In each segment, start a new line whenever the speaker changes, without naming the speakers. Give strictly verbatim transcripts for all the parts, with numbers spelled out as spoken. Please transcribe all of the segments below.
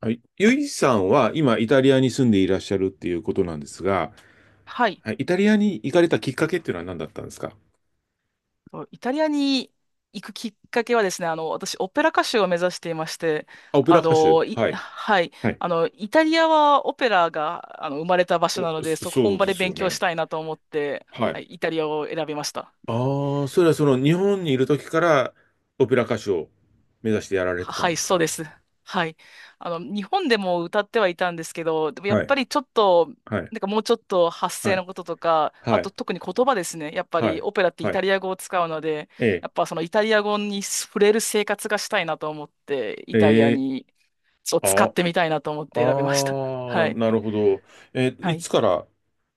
はい。ゆいさんは今イタリアに住んでいらっしゃるっていうことなんですが、
はい。
はい、イタリアに行かれたきっかけっていうのは何だったんですか？
イタリアに行くきっかけはですね、あの、私、オペラ歌手を目指していまして、
あ、オペラ
あ
歌手。
の、い、
はい。
はい。
はい。
あの、イタリアはオペラが、あの、生まれた場所なので、
そ
そこ
そ
本
う
場
で
で
すよ
勉強し
ね。
たいなと思って、
は
は
い。
い、イタリアを選びました。
ああ、それはその日本にいる時からオペラ歌手を目指してやられ
は
てたん
は
で
い、
す
そう
か？
です。はい。あの、日本でも歌ってはいたんですけど、でもやっ
は
ぱ
い。
りちょっと、
はい。
なんかもうちょっと発
は
声
い。
のこととか、あ
は
と
い。
特に言葉ですね。やっぱ
は
り
い。
オペラってイ
は
タ
い。
リア語を使うので、
ええ。
やっぱそのイタリア語に触れる生活がしたいなと思って、イタリア
ええ。
に、そう使っ
あ、
てみたいなと思って選びました。
あ
は
あ、
い。
なるほど。え、
は
い
い。
つから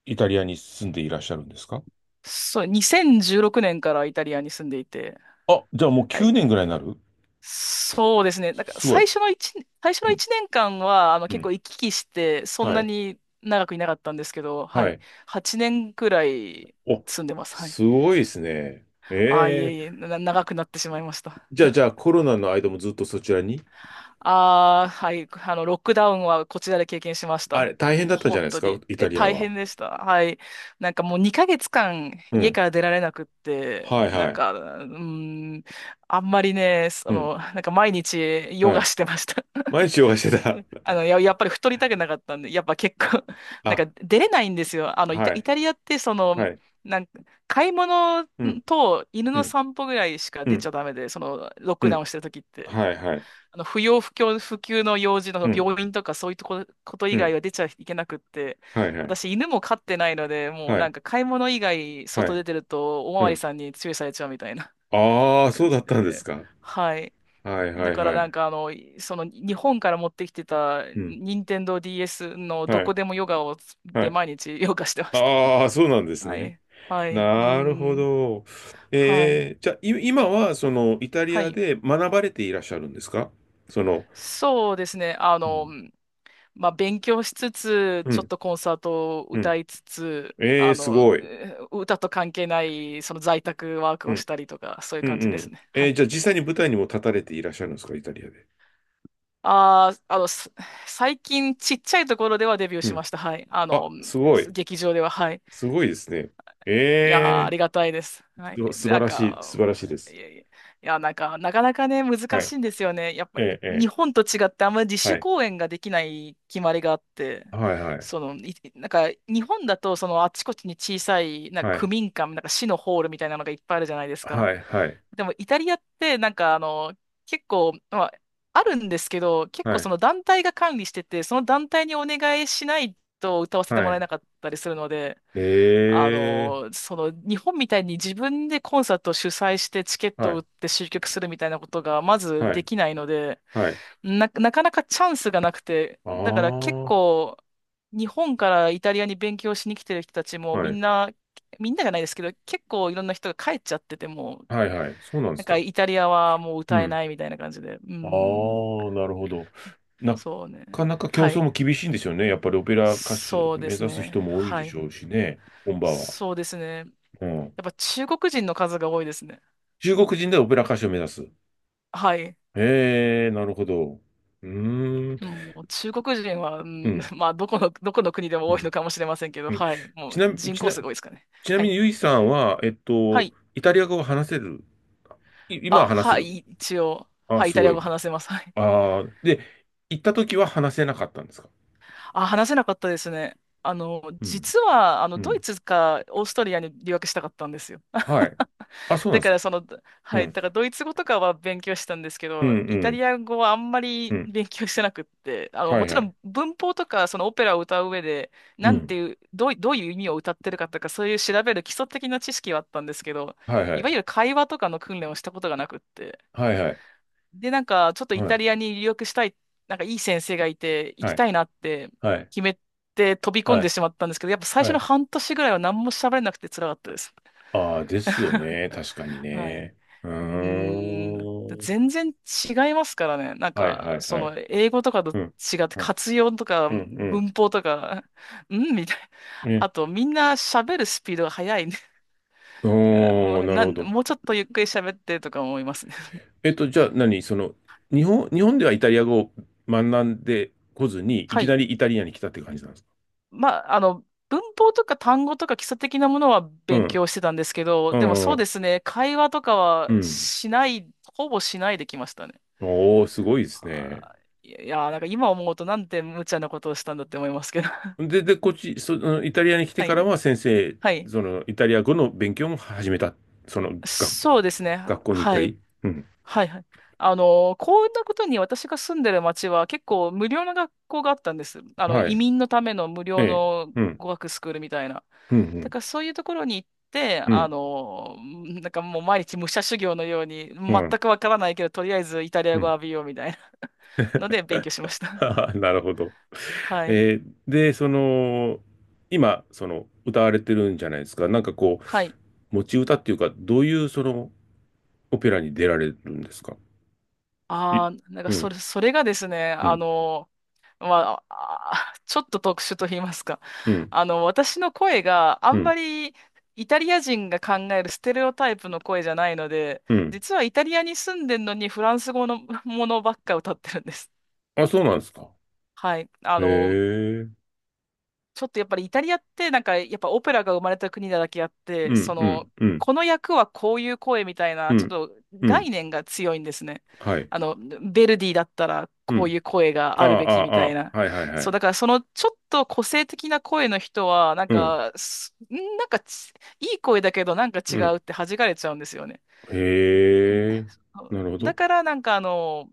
イタリアに住んでいらっしゃるんですか？
そう、にせんじゅうろくねんからイタリアに住んでいて、
あ、じゃあもう
は
9
い。
年ぐらいになる。
そうですね。なんか
すごい。
最初の一年最初
う
の
ん、
一年間は、あの、
う
結
ん。
構行き来して、そん
は
な
い。
に長くいなかったんですけど、は
は
い。
い。
はちねんくらい
お、
住んでます。はい。
すごいですね。へ
ああ、いえいえ、
え。
な、長くなってしまいました。
じゃあ、じゃあ、コロナの間もずっとそちらに。
ああ、はい。あの、ロックダウンはこちらで経験しました。
あれ、大
も
変
う
だったんじゃ
本
ないです
当
か、
に、
イタ
え、
リア
大
は。
変でした。はい。なんかもうにかげつかん
う
家
ん。
から出られなくって、
はい、
な
は
ん
い。
か、うん、あんまりね、そ
うん。
の、なんか毎日ヨ
は
ガ
い。
してました。
毎日ヨガして
う
た。
んあの、や、やっぱり太りたくなかったんで、やっぱ結構 なん
あ、
か出れないんですよ。あの、イタ、
は
イ
い、
タリアって、その、
はい。
なんか、買い物
うん、
と犬
う
の
ん、
散歩ぐらいしか
う
出ち
ん、
ゃダメで、その、ロッ
う
クダウ
ん。
ンしてる時って。
はい、はい。
あの、不要不急、不急の用事
う
の
ん、
病院とかそういうとこ、こと
う
以外
ん。
は出ちゃいけなくって、
はい、はい。
私犬も飼ってないので、もう
は
な
い、
んか買い物以外
は
外
い。
出てると、おま
う
わり
ん。
さんに注意されちゃうみたいな
ああ、そ
感
うだ
じ
ったんです
で。
か。
はい。
はい、は
だ
い、
から
は
なん
い。
かあの、その日本から持ってきてた
うん。
任天堂 ディーエス のど
は
こ
い、
でもヨガを
は
で
い。
毎日ヨガしてました。
ああ、そうなんです
は
ね。
い。はい。うー
なるほ
ん。
ど。
はい。
えー、じゃあ、い今は、その、イタリ
は
ア
い。
で学ばれていらっしゃるんですか？その、
そうですね。あ
う
の、
ん。
まあ、勉強しつつ、
う
ちょっ
ん、
とコンサートを
う
歌
ん。
いつつ、
え
あ
ー、す
の、
ごい。
えー歌と関係ないその在宅ワーク
う
をし
ん、
たりとか、そういう
うん、
感じ
う
です
ん。
ね。は
えー、
い。
じゃあ、実際に舞台にも立たれていらっしゃるんですか、イタリアで。
ああ、あの、す最近ちっちゃいところではデビュー
う
しま
ん。
した。はい。あ
あ、
の、
すごい。
劇場では。はい。
すごいですね。
いやー、あ
え
りがたいです。はい。
ー、す素晴
なん
らしい、
か、
素晴らしいです。
いやいや、いや、なんか、なかなかね、難
はい。
しいんですよね。やっぱ、
えー、え
日本と違って、あんまり自
ー、は
主
い。
公演ができない決まりがあって、
はい、は
そ
い、
の、いなんか、日本だと、その、あちこちに小さい、なん
は
か、区
い、
民館、なんか、市のホールみたいなのがいっぱいあるじゃないですか。
はい、はい、
でも、イタリアって、なんか、あの、結構、まあ、あるんですけど、結
は
構、そ
い、
の、団体が管理してて、その団体にお願いしないと歌わせて
は
もらえ
い。
なかったりするので、
え
あ
ー、
の、その日本みたいに自分でコンサートを主催してチケッ
は
トを売
い、
って集客するみたいなことがまず
は
で
い、
きないので、
はい。
な、なかなかチャンスがなくて、
あ
だから結
あ、
構日本からイタリアに勉強しに来てる人たちも
は
みん
い。
な、みんながないですけど、結構いろんな人が帰っちゃっててもう、
はいはい。そうなんで
なん
す
か
か。
イタリアはもう
う
歌え
ん。
ないみたいな感じで、う
ああ、
ん、
なるほど。な
そうね。
かなか競
は
争も
い。
厳しいんでしょうね。やっぱりオペラ歌手
そうで
目
す
指す人
ね。
も多い
は
でし
い。
ょうしね。本場は。
そうですね。
うん。
やっぱ中国人の数が多いですね。
中国人でオペラ歌手を目指す。
はい。
へえ、なるほど。うーん。
もう中国人は、う
う
ん、
ん。
まあ、どこの、どこの国でも
う
多いの
ん。
かもしれませんけど、
うん。
はい。も
ち
う
な、
人
ち
口
な、
すごいですかね。
ちな
は
み
い。
にゆいさんは、えっ
は
と、
い。
イタリア語を話せる。い、今は
あ、
話せ
は
る。
い。一応、
あ、
はい。イ
す
タリ
ご
ア
い。
語話せます。はい。
ああ、で、行った時は話せなかったんですか？
あ、話せなかったですね。あの、
うん。
実は、あの、
う
ドイ
ん。
ツかオーストリアに留学したかったんですよ。
はい。あ、そうなん
だ
で
か
す
ら
か。
その、
う
はい、
ん。
だからドイツ語とかは勉強したんですけ
うん、う
ど、イタ
ん、
リア語はあんま
う
り
ん。
勉強してなくって、あの、
は
も
い
ち
は
ろ
い。
ん文法とかそのオペラを歌う上で、
う
なん
ん。
ていう、どうい、どういう意味を歌ってるかとか、そういう調べる基礎的な知識はあったんですけど、
はいは
いわゆ
い。
る会話とかの訓練をしたことがなくって。
はいはい。
で、なんかちょっとイ
は
タ
い。
リアに留学したい、なんかいい先生がいて、行
は
き
い。
たいなって
はい。
決めて飛び込ん
は
で
い。
しまったんですけど、やっぱ最初
は
の
い。
半年ぐらいは何も喋れなくて辛かったです。
ああ、ですよね。確かに
はい。う
ね。う
ーん、
ーん。
全然違いますからね。なん
はいは
か、
い
そ
はい。
の、英語とかと
うん。
違って、
うん。
活用とか、
うん。
文法とか、うんみたいな。
うん。ね。
あと、みんな喋るスピードが速いね。も
おー、
う、
なる
な
ほ
ん、
ど。
もうちょっとゆっくり喋ってとか思いますね。
えっと、じゃあ何その、日本、日本ではイタリア語を学んでこずに、い
は
きな
い。
りイタリアに来たって感じなんですか？
まあ、あの、文法とか単語とか基礎的なものは
う
勉
ん。
強してたんですけど、
う
でもそうで
ん。
すね、会話とか
う
は
ん。
しない、ほぼしないできましたね。
おー、すごいですね。
あーいや、いやなんか今思うとなんて無茶なことをしたんだって思いますけど。
で、で、こっち、そ、のイタリアに来て
は
から
い。
は先生、
はい。
その、イタリア語の勉強も始めた。その、学
そうですね。
学校に行っ
は
た
い。
り。うん。
はい。はい。あの、こんなことに私が住んでる町は結構無料の学校があったんです。あの、
は
移
い。
民のための無
え
料
え。
の
うん。
語学スクールみたいな。
う
だ
ん、
からそういうところに行って、
うん、う
あ
ん、
の、なんかもう毎日武者修行のように、
う
全
ん。
くわからないけど、とりあえずイタリ
う
ア語を
ん。
浴びようみたいな ので勉強しまし た。
ははなるほど。
はい。
えーで、その、今、その、歌われてるんじゃないですか。なんかこ
はい。
う、持ち歌っていうか、どういう、その、オペラに出られるんですか？い、
ああ、なんか
う
そ
ん、
れ、それがですね、
う
あ
ん、
のまあ、あちょっと特殊と言いますか。
うん、
あの、私の声があ
う
んま
ん、
りイタリア人が考えるステレオタイプの声じゃないので、
うん。
実はイタリアに住んでるのにフランス語のものばっか歌ってるんです。
あ、そうなんですか。
はい。あ
へ
の、
え。
ちょっとやっぱりイタリアってなんかやっぱオペラが生まれた国なだけあっ
う
て、
ん、
そ
うん、
の、
うん。
この役はこういう声みたい
う
な、ちょっ
ん。
と
う
概
ん。
念が強いんですね。
はい。
あの、ヴェルディだったら
う
こう
ん。
いう声が
あ
あるべ
あ、
きみ
ああ、
たい
あ
な。
あはいはいは
そう、
い。
だからそのちょっと個性的な声の人は、なん
うん。
か、すんなんかちいい声だけどなんか違
う
う
ん。
って弾かれちゃうんですよね。
へえ。なるほ
だ
ど。
からなんかあの、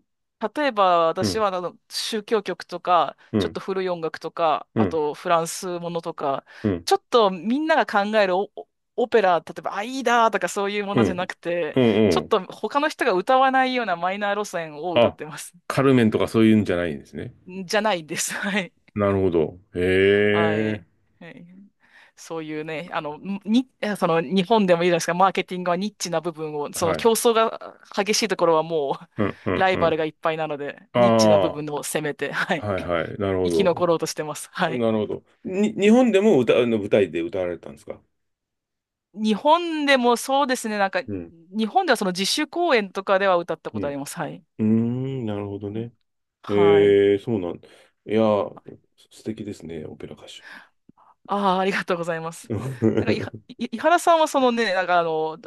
例えば
う
私
ん。
はあの宗教曲とか、
う
ちょっ
ん。
と古い音楽とか、
う
あ
ん。
とフランスものとか、
うん。
ちょっとみんなが考えるオ、オオペラ、例えばアイダーとかそういうも
う
のじゃな
ん。
くて、
うん。う
ちょっ
ん。
と他の人が歌わないようなマイナー路線を歌っ
あ、
てます。
カルメンとかそういうんじゃないんですね。
じゃないです。はい
なるほど。
は
へえ。
い。はい。そういうね、あの、に、その日本でもいいじゃないですか、マーケティングはニッチな部分を、その
は
競
い。
争が激しいところはも
うん。う
う、
ん。
ラ
う
イバルが
ん。
いっぱいなので、
あ
ニッチな部
あ、
分を攻めて、はい、
はいはい。なるほ
生き残ろうとしてます。
ど。
はい。
なるほど。に、日本でも歌、あの舞台で歌われたんですか？
日本でもそうですね、なんか、
うん。
日本ではその自主公演とかでは歌った
う
こと
ん。
あります。はい。
うーん、なるほどね。
はい。
ええ、そうなん。いやー、素敵ですね、オペラ歌手。
ああ、ありがとうございま す。
は
なんか、いは、い井原さんはそのね、なんかあの、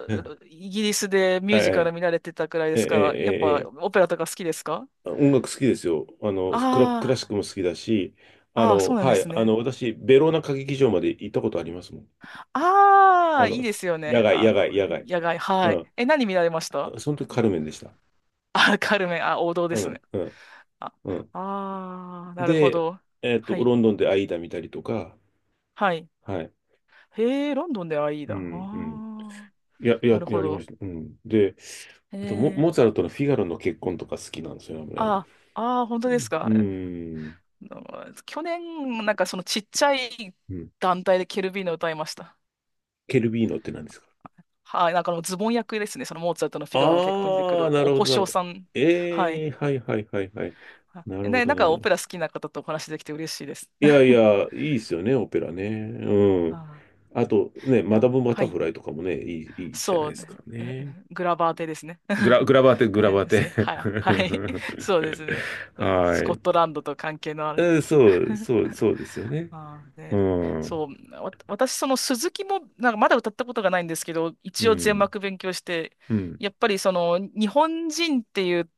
イギリスでミュージカル
い、
見られてたくらいで
ええ、
すから、やっ
ええ、
ぱ
ええ。
オペラとか好きですか？
音楽好きですよ。あの、
あ
クラ、クラシックも好きだし、あ
あ、ああ、そ
の、
うなん
は
で
い、
す
あ
ね。
の、私、ベローナ歌劇場まで行ったことありますもん。
あ
あ
あ、い
の、
いですよ
野
ね。
外、
あ
野
の、
外、野外。
野外、
う
はい。え、
ん。
何見られました？
その時、カルメンでした。
あ、カルメン、あ、王道で
カ
す
ル
ね。
メン、
あ、
うん、うん。
ああ、なるほ
で、
ど。
えっと、
はい、
ロンドンでアイーダ見たりとか、
はい。
はい。
へえ、ロンドンではいい
う
だ。あ
ん、うん。
あ、
や、
な
や、
るほ
やりまし
ど。
た。うん。で、
へ
あとモ、
え、
モーツァルトのフィガロの結婚とか好きなんですよね。
ああ、ああ、本当です
う
か。
ん。
うん、去年、なんかそのちっちゃい
うん。
団体でケルビーノ歌いました。
ケルビーノって何ですか？
はい、なんかあのズボン役ですね、そのモーツァルトのフィガロの結婚に出てく
ああ
る
ー、な
お
るほ
小
ど、なる
姓
ほど。
さん。はい。
ええはいはいはいはい。
は
なるほ
ね、
ど、
なん
な
か
るほ
オペラ
ど。
好きな方とお話できて嬉しいです。
いやい や、いいですよね、オペラね。うん。
あ
あとね、
ー、い
マダ
や、
ム・バ
は
タフ
い。
ライとかもね、いい、いいじゃない
そう
ですか
ね、
ね。
グラバーテですね。
グラ、グラバーテ、グ
は
ラ
い、
バー
です
テ。
ね。はい、はい。そうですね。そのス
は
コ
い。
ットランドと関係のある。
えー、そう、そう、そうですよね。
ああ、
う
で、
ん。
そう、わ、私、その鈴木も、なんかまだ歌ったことがないんですけど、
う
一応全
ん。
幕勉強して、
うん。
やっぱりその、日本人っていう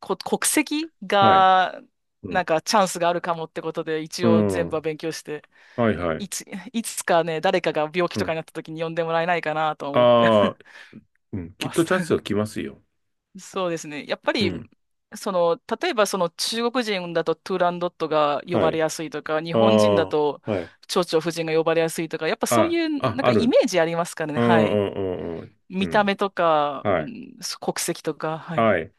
こ国籍
はい。
が、
う
な
ん。
んかチャンスがあるかもってことで、
う
一応全部は
ん。
勉強して、
はいは
い
い。
いつ、いつかね、誰かが病気
う
とか
ん。
になった時に呼んでもらえないかなと思って
ああ、うん。きっ
ま
と
す。
チャンスは来ますよ。
そうですね。やっぱ
う
り、
ん。
その、例えばその中国人だとトゥーランドットが呼
は
ばれ
い。
やすいとか、日
あ
本人だ
あ、
と
はい。
蝶々夫人が呼ばれやすいとか、やっぱそう
あ、
いう
あ、
なん
あ
かイ
る。
メージありますからね。
う
はい。
んうんうんうん。う
見た目
ん。
とか、う
はい。
ん、国籍とか、はい。
はい。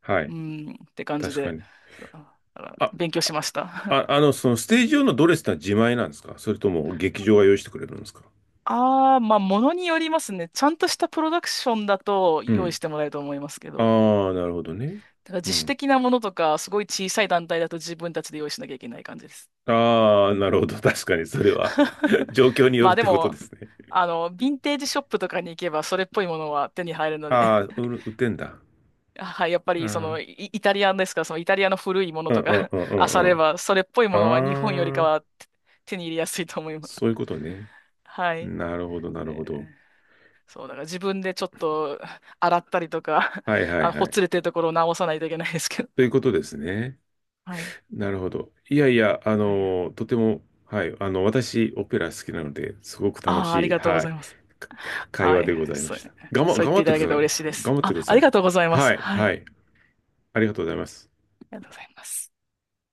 は
う
い。
ん、って感じ
確か
で、
に。
そうだから
あ、
勉強しました。
あ、あ の、そのステージ用のドレスってのは自前なんですか、それとも劇場が用意してくれるんですか？
ああ、まあ、ものによりますね。ちゃんとしたプロダクションだと
う
用意
ん。
してもらえると思いますけど、
ああ、なるほどね。
だから
う
自主
ん。
的なものとか、すごい小さい団体だと自分たちで用意しなきゃいけない感じです。
ああ、なるほど。確かに、それは 状況によ
ま
る
あ
っ
で
てことで
も、
すね。
あの、ヴィンテージショップとかに行けばそれっぽいものは手に入るので、
ああ、売る売ってんだ。
はい、やっぱ
う
りその
ん。
イ、イタリアンですから、そのイタリアの古いもの
うん
と
うん
か
う
漁
んう
れ
ん、
ば、それっぽいものは日本よりか
ああ、
は手手に入れやすいと思います。
そういうことね。
はい。
なるほど、なるほど。
ねそう、だから自分でちょっと洗ったりとか、
はいは
あ、
いは
ほ
い。
つれてるところを直さないといけないですけど。
ということですね。
はい。
なるほど。いやいや、あ
はい。あ
の、とても、はい、あの、私、オペラ好きなので、すごく楽
あ、あり
しい、
がとうご
は
ざ
い、
います。
か会
は
話
い。
でございま
そう、
した。頑張、
そう言
頑
っ
張
て
っ
い
て
ただ
くだ
け
さ
て
い。
嬉しいです。
頑張って
あ、
くだ
あ
さ
り
い。
がとうございます。
はい、
はい。
はい。ありがとうございます。
ありがとうございます。